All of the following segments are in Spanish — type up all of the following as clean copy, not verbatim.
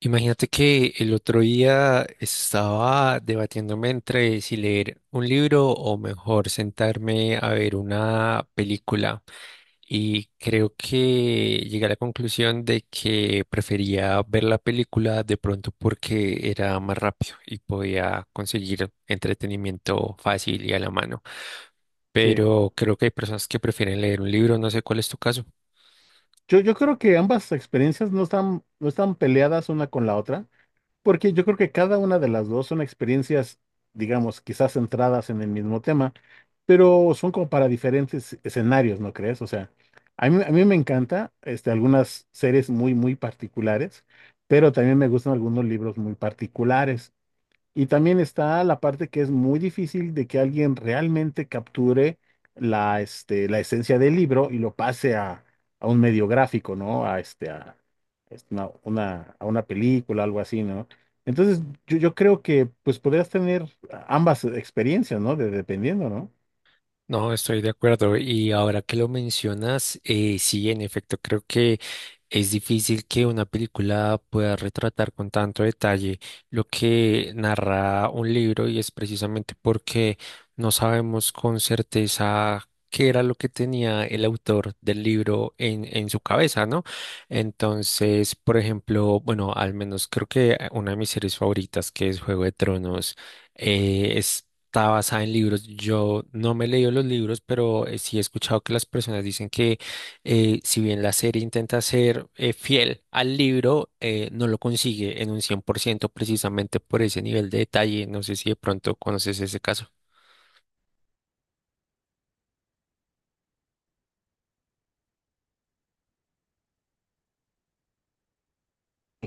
Imagínate que el otro día estaba debatiéndome entre si leer un libro o mejor sentarme a ver una película y creo que llegué a la conclusión de que prefería ver la película de pronto porque era más rápido y podía conseguir entretenimiento fácil y a la mano. Sí, Pero creo que hay personas que prefieren leer un libro, no sé cuál es tu caso. yo creo que ambas experiencias no están peleadas una con la otra, porque yo creo que cada una de las dos son experiencias, digamos, quizás centradas en el mismo tema, pero son como para diferentes escenarios, ¿no crees? O sea, a mí me encanta algunas series muy, muy particulares, pero también me gustan algunos libros muy particulares. Y también está la parte que es muy difícil de que alguien realmente capture la esencia del libro y lo pase a un medio gráfico, ¿no? A una película, algo así, ¿no? Entonces, yo creo que pues podrías tener ambas experiencias, ¿no? Dependiendo, ¿no? No, estoy de acuerdo. Y ahora que lo mencionas, sí, en efecto, creo que es difícil que una película pueda retratar con tanto detalle lo que narra un libro, y es precisamente porque no sabemos con certeza qué era lo que tenía el autor del libro en su cabeza, ¿no? Entonces, por ejemplo, bueno, al menos creo que una de mis series favoritas, que es Juego de Tronos, eh, es... está basada en libros. Yo no me he leído los libros, pero sí he escuchado que las personas dicen que si bien la serie intenta ser fiel al libro, no lo consigue en un 100% precisamente por ese nivel de detalle. No sé si de pronto conoces ese caso.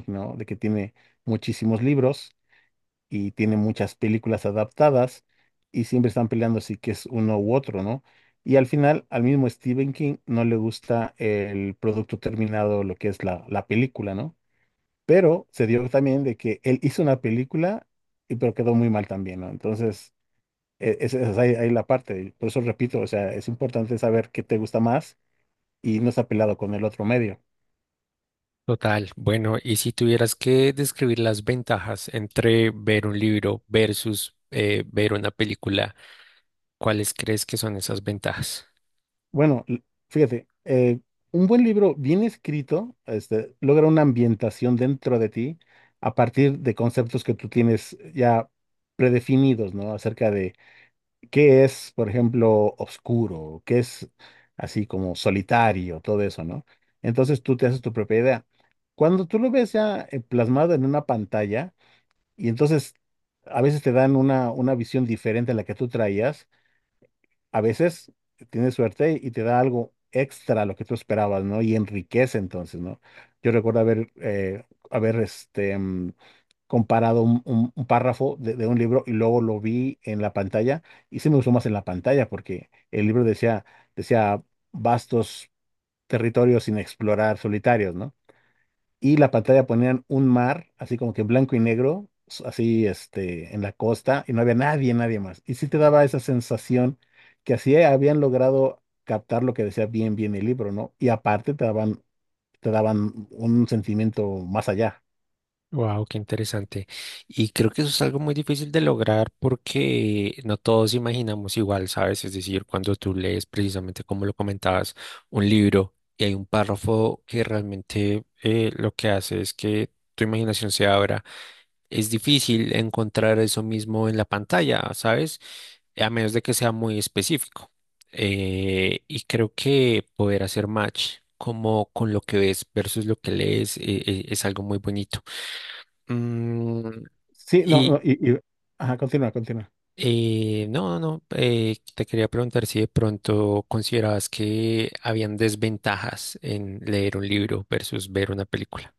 ¿No? De que tiene muchísimos libros y tiene muchas películas adaptadas y siempre están peleando si que es uno u otro, ¿no? Y al final, al mismo Stephen King no le gusta el producto terminado, lo que es la película, ¿no? Pero se dio también de que él hizo una película, y pero quedó muy mal también, ¿no? Entonces, esa es, ahí la parte. Por eso repito, o sea, es importante saber qué te gusta más y no estar peleado con el otro medio. Total, bueno, y si tuvieras que describir las ventajas entre ver un libro versus ver una película, ¿cuáles crees que son esas ventajas? Bueno, fíjate, un buen libro bien escrito, logra una ambientación dentro de ti a partir de conceptos que tú tienes ya predefinidos, ¿no? Acerca de qué es, por ejemplo, oscuro, qué es así como solitario, todo eso, ¿no? Entonces tú te haces tu propia idea. Cuando tú lo ves ya plasmado en una pantalla, y entonces a veces te dan una visión diferente a la que tú traías. A veces tienes suerte y te da algo extra a lo que tú esperabas, ¿no? Y enriquece entonces, ¿no? Yo recuerdo haber comparado un párrafo de un libro y luego lo vi en la pantalla, y sí me gustó más en la pantalla porque el libro decía, decía vastos territorios sin explorar, solitarios, ¿no? Y la pantalla ponían un mar, así como que blanco y negro, así en la costa, y no había nadie, nadie más. Y sí te daba esa sensación que así habían logrado captar lo que decía bien, bien el libro, ¿no? Y aparte te daban un sentimiento más allá. Wow, qué interesante. Y creo que eso es algo muy difícil de lograr porque no todos imaginamos igual, ¿sabes? Es decir, cuando tú lees precisamente como lo comentabas, un libro y hay un párrafo que realmente lo que hace es que tu imaginación se abra, es difícil encontrar eso mismo en la pantalla, ¿sabes? A menos de que sea muy específico. Y creo que poder hacer match como con lo que ves versus lo que lees es algo muy bonito. Mm, Sí, no, y no, ajá, continúa, continúa. No, no, no, te quería preguntar si de pronto considerabas que habían desventajas en leer un libro versus ver una película.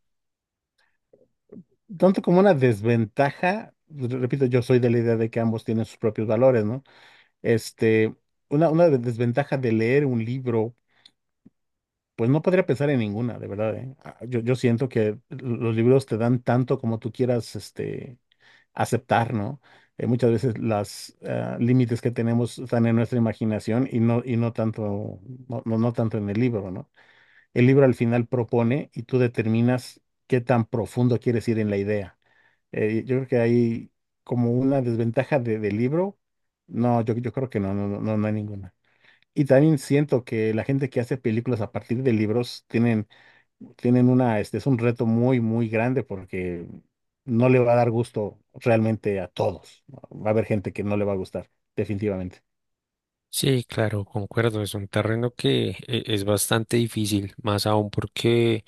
Tanto como una desventaja, pues, repito, yo soy de la idea de que ambos tienen sus propios valores, ¿no? Este, Desventaja de leer un libro. Pues no podría pensar en ninguna, de verdad, ¿eh? Ah, yo siento que los libros te dan tanto como tú quieras, aceptar, ¿no? Muchas veces los límites que tenemos están en nuestra imaginación y no tanto en el libro, ¿no? El libro al final propone y tú determinas qué tan profundo quieres ir en la idea. Yo creo que hay como una desventaja del libro. No, yo creo que no hay ninguna. Y también siento que la gente que hace películas a partir de libros tienen una, este es un reto muy, muy grande porque no le va a dar gusto realmente a todos, ¿no? Va a haber gente que no le va a gustar, definitivamente. Sí, claro, concuerdo, es un terreno que es bastante difícil, más aún porque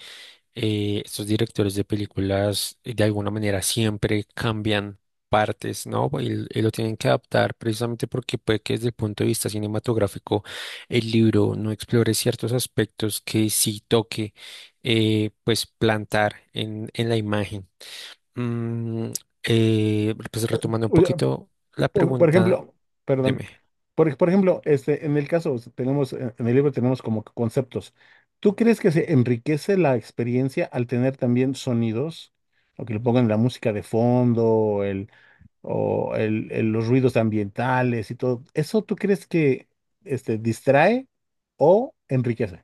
estos directores de películas de alguna manera siempre cambian partes, ¿no? Y lo tienen que adaptar precisamente porque puede que desde el punto de vista cinematográfico el libro no explore ciertos aspectos que sí toque, pues, plantar en la imagen. Mm, pues retomando un O sea, poquito la por pregunta, ejemplo, perdón, dime. por ejemplo, en el caso, o sea, tenemos, en el libro tenemos como que conceptos. ¿Tú crees que se enriquece la experiencia al tener también sonidos? ¿O que le pongan la música de fondo, o los ruidos ambientales y todo? ¿Eso tú crees que distrae o enriquece?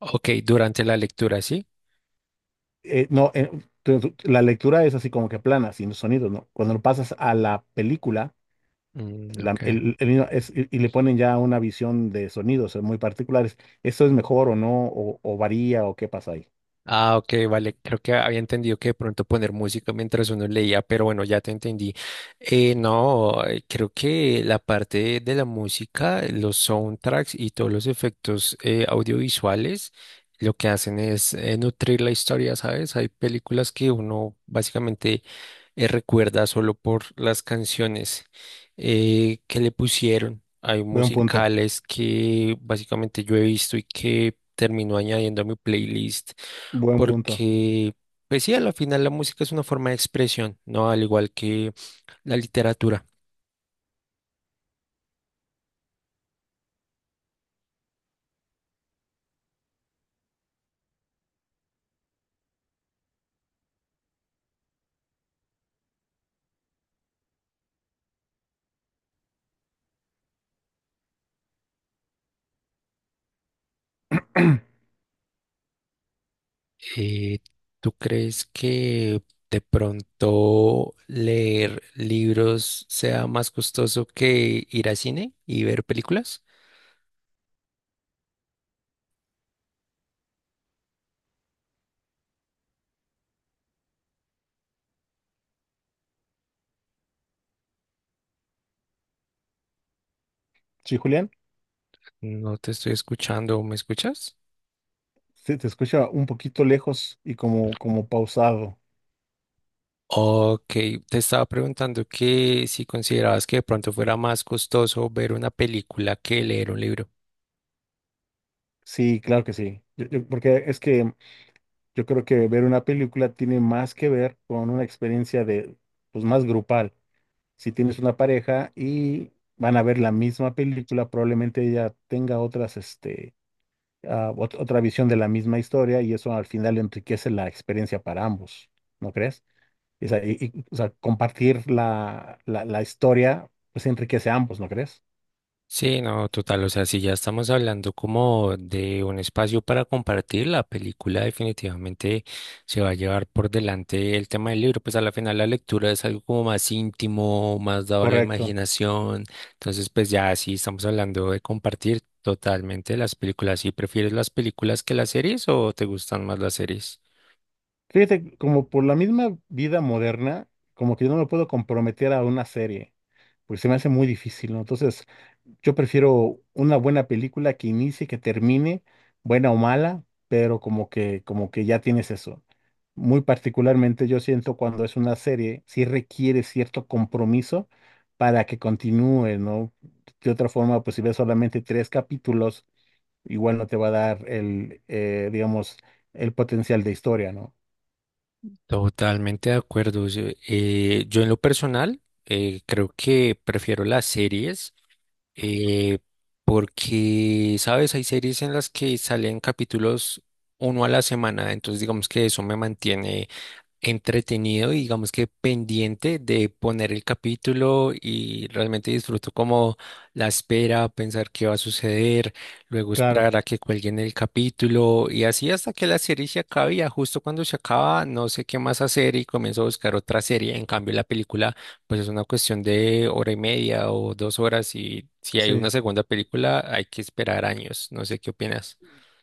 Ok, durante la lectura, ¿sí? No, la lectura es así como que plana, sin los sonidos, ¿no? Cuando lo pasas a la película, Mm, la- ok. El niño es- y le ponen ya una visión de sonidos, muy particulares. ¿Eso es mejor o no? O varía o qué pasa ahí? Ah, ok, vale. Creo que había entendido que de pronto poner música mientras uno leía, pero bueno, ya te entendí. No, creo que la parte de la música, los soundtracks y todos los efectos audiovisuales, lo que hacen es nutrir la historia, ¿sabes? Hay películas que uno básicamente recuerda solo por las canciones que le pusieron. Hay Buen punto, musicales que básicamente yo he visto y que termino añadiendo a mi playlist buen punto. porque, pues sí, a la final la música es una forma de expresión, ¿no? Al igual que la literatura. Eh, ¿Tú crees que de pronto leer libros sea más costoso que ir a cine y ver películas? Sí, Julián, No te estoy escuchando, ¿me escuchas? se te escucha un poquito lejos y como, como pausado. Ok, te estaba preguntando que si considerabas que de pronto fuera más costoso ver una película que leer un libro. Sí, claro que sí. Porque es que yo creo que ver una película tiene más que ver con una experiencia de, pues más grupal. Si tienes una pareja y van a ver la misma película, probablemente ella tenga otras, otra visión de la misma historia y eso al final enriquece la experiencia para ambos, ¿no crees? O sea, o sea, compartir la historia, pues enriquece a ambos, ¿no crees? Sí, no, total, o sea, si ya estamos hablando como de un espacio para compartir, la película definitivamente se va a llevar por delante el tema del libro, pues a la final la lectura es algo como más íntimo, más dado a la Correcto. imaginación, entonces pues ya sí estamos hablando de compartir totalmente las películas. ¿Y prefieres las películas que las series o te gustan más las series? Fíjate, como por la misma vida moderna, como que yo no me puedo comprometer a una serie, porque se me hace muy difícil, ¿no? Entonces, yo prefiero una buena película que inicie, que termine, buena o mala, pero como que ya tienes eso. Muy particularmente yo siento cuando es una serie, sí requiere cierto compromiso para que continúe, ¿no? De otra forma, pues si ves solamente tres capítulos, igual no te va a dar el, digamos, el potencial de historia, ¿no? Totalmente de acuerdo. Yo en lo personal creo que prefiero las series eh, porque, sabes, hay series en las que salen capítulos uno a la semana, entonces digamos que eso me mantiene entretenido y digamos que pendiente de poner el capítulo y realmente disfruto como la espera, pensar qué va a suceder, luego Claro, esperar a que cuelguen el capítulo y así hasta que la serie se acabe, y ya justo cuando se acaba no sé qué más hacer y comienzo a buscar otra serie. En cambio la película pues es una cuestión de hora y media o 2 horas, y si hay una sí. segunda película hay que esperar años. No sé qué opinas.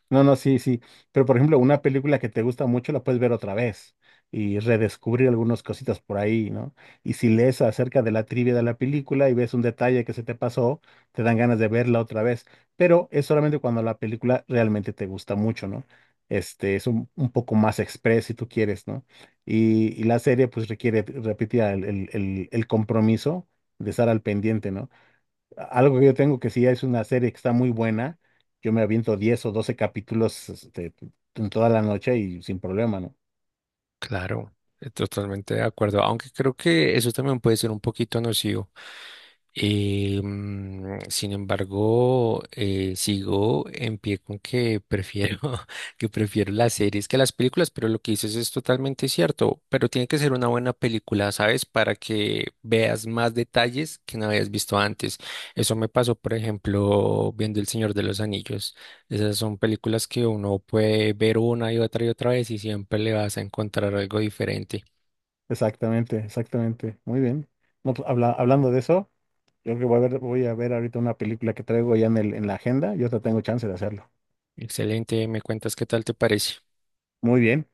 No, no, sí, sí. Pero por ejemplo, una película que te gusta mucho la puedes ver otra vez y redescubrir algunas cositas por ahí, ¿no? Y si lees acerca de la trivia de la película y ves un detalle que se te pasó, te dan ganas de verla otra vez. Pero es solamente cuando la película realmente te gusta mucho, ¿no? Este, es un poco más express si tú quieres, ¿no? Y la serie pues requiere, repetía, el compromiso de estar al pendiente, ¿no? Algo que yo tengo que sí es una serie que está muy buena. Yo me aviento 10 o 12 capítulos en toda la noche y sin problema, ¿no? Claro, totalmente de acuerdo, aunque creo que eso también puede ser un poquito nocivo. Sin embargo, sigo en pie con que prefiero, que prefiero las series que las películas, pero lo que dices es totalmente cierto, pero tiene que ser una buena película, ¿sabes? Para que veas más detalles que no habías visto antes. Eso me pasó, por ejemplo, viendo El Señor de los Anillos. Esas son películas que uno puede ver una y otra vez y siempre le vas a encontrar algo diferente. Exactamente, exactamente. Muy bien. No, pues, hablando de eso, yo creo que voy a ver ahorita una película que traigo ya en en la agenda. Yo te tengo chance de hacerlo. Excelente, me cuentas qué tal te parece. Muy bien.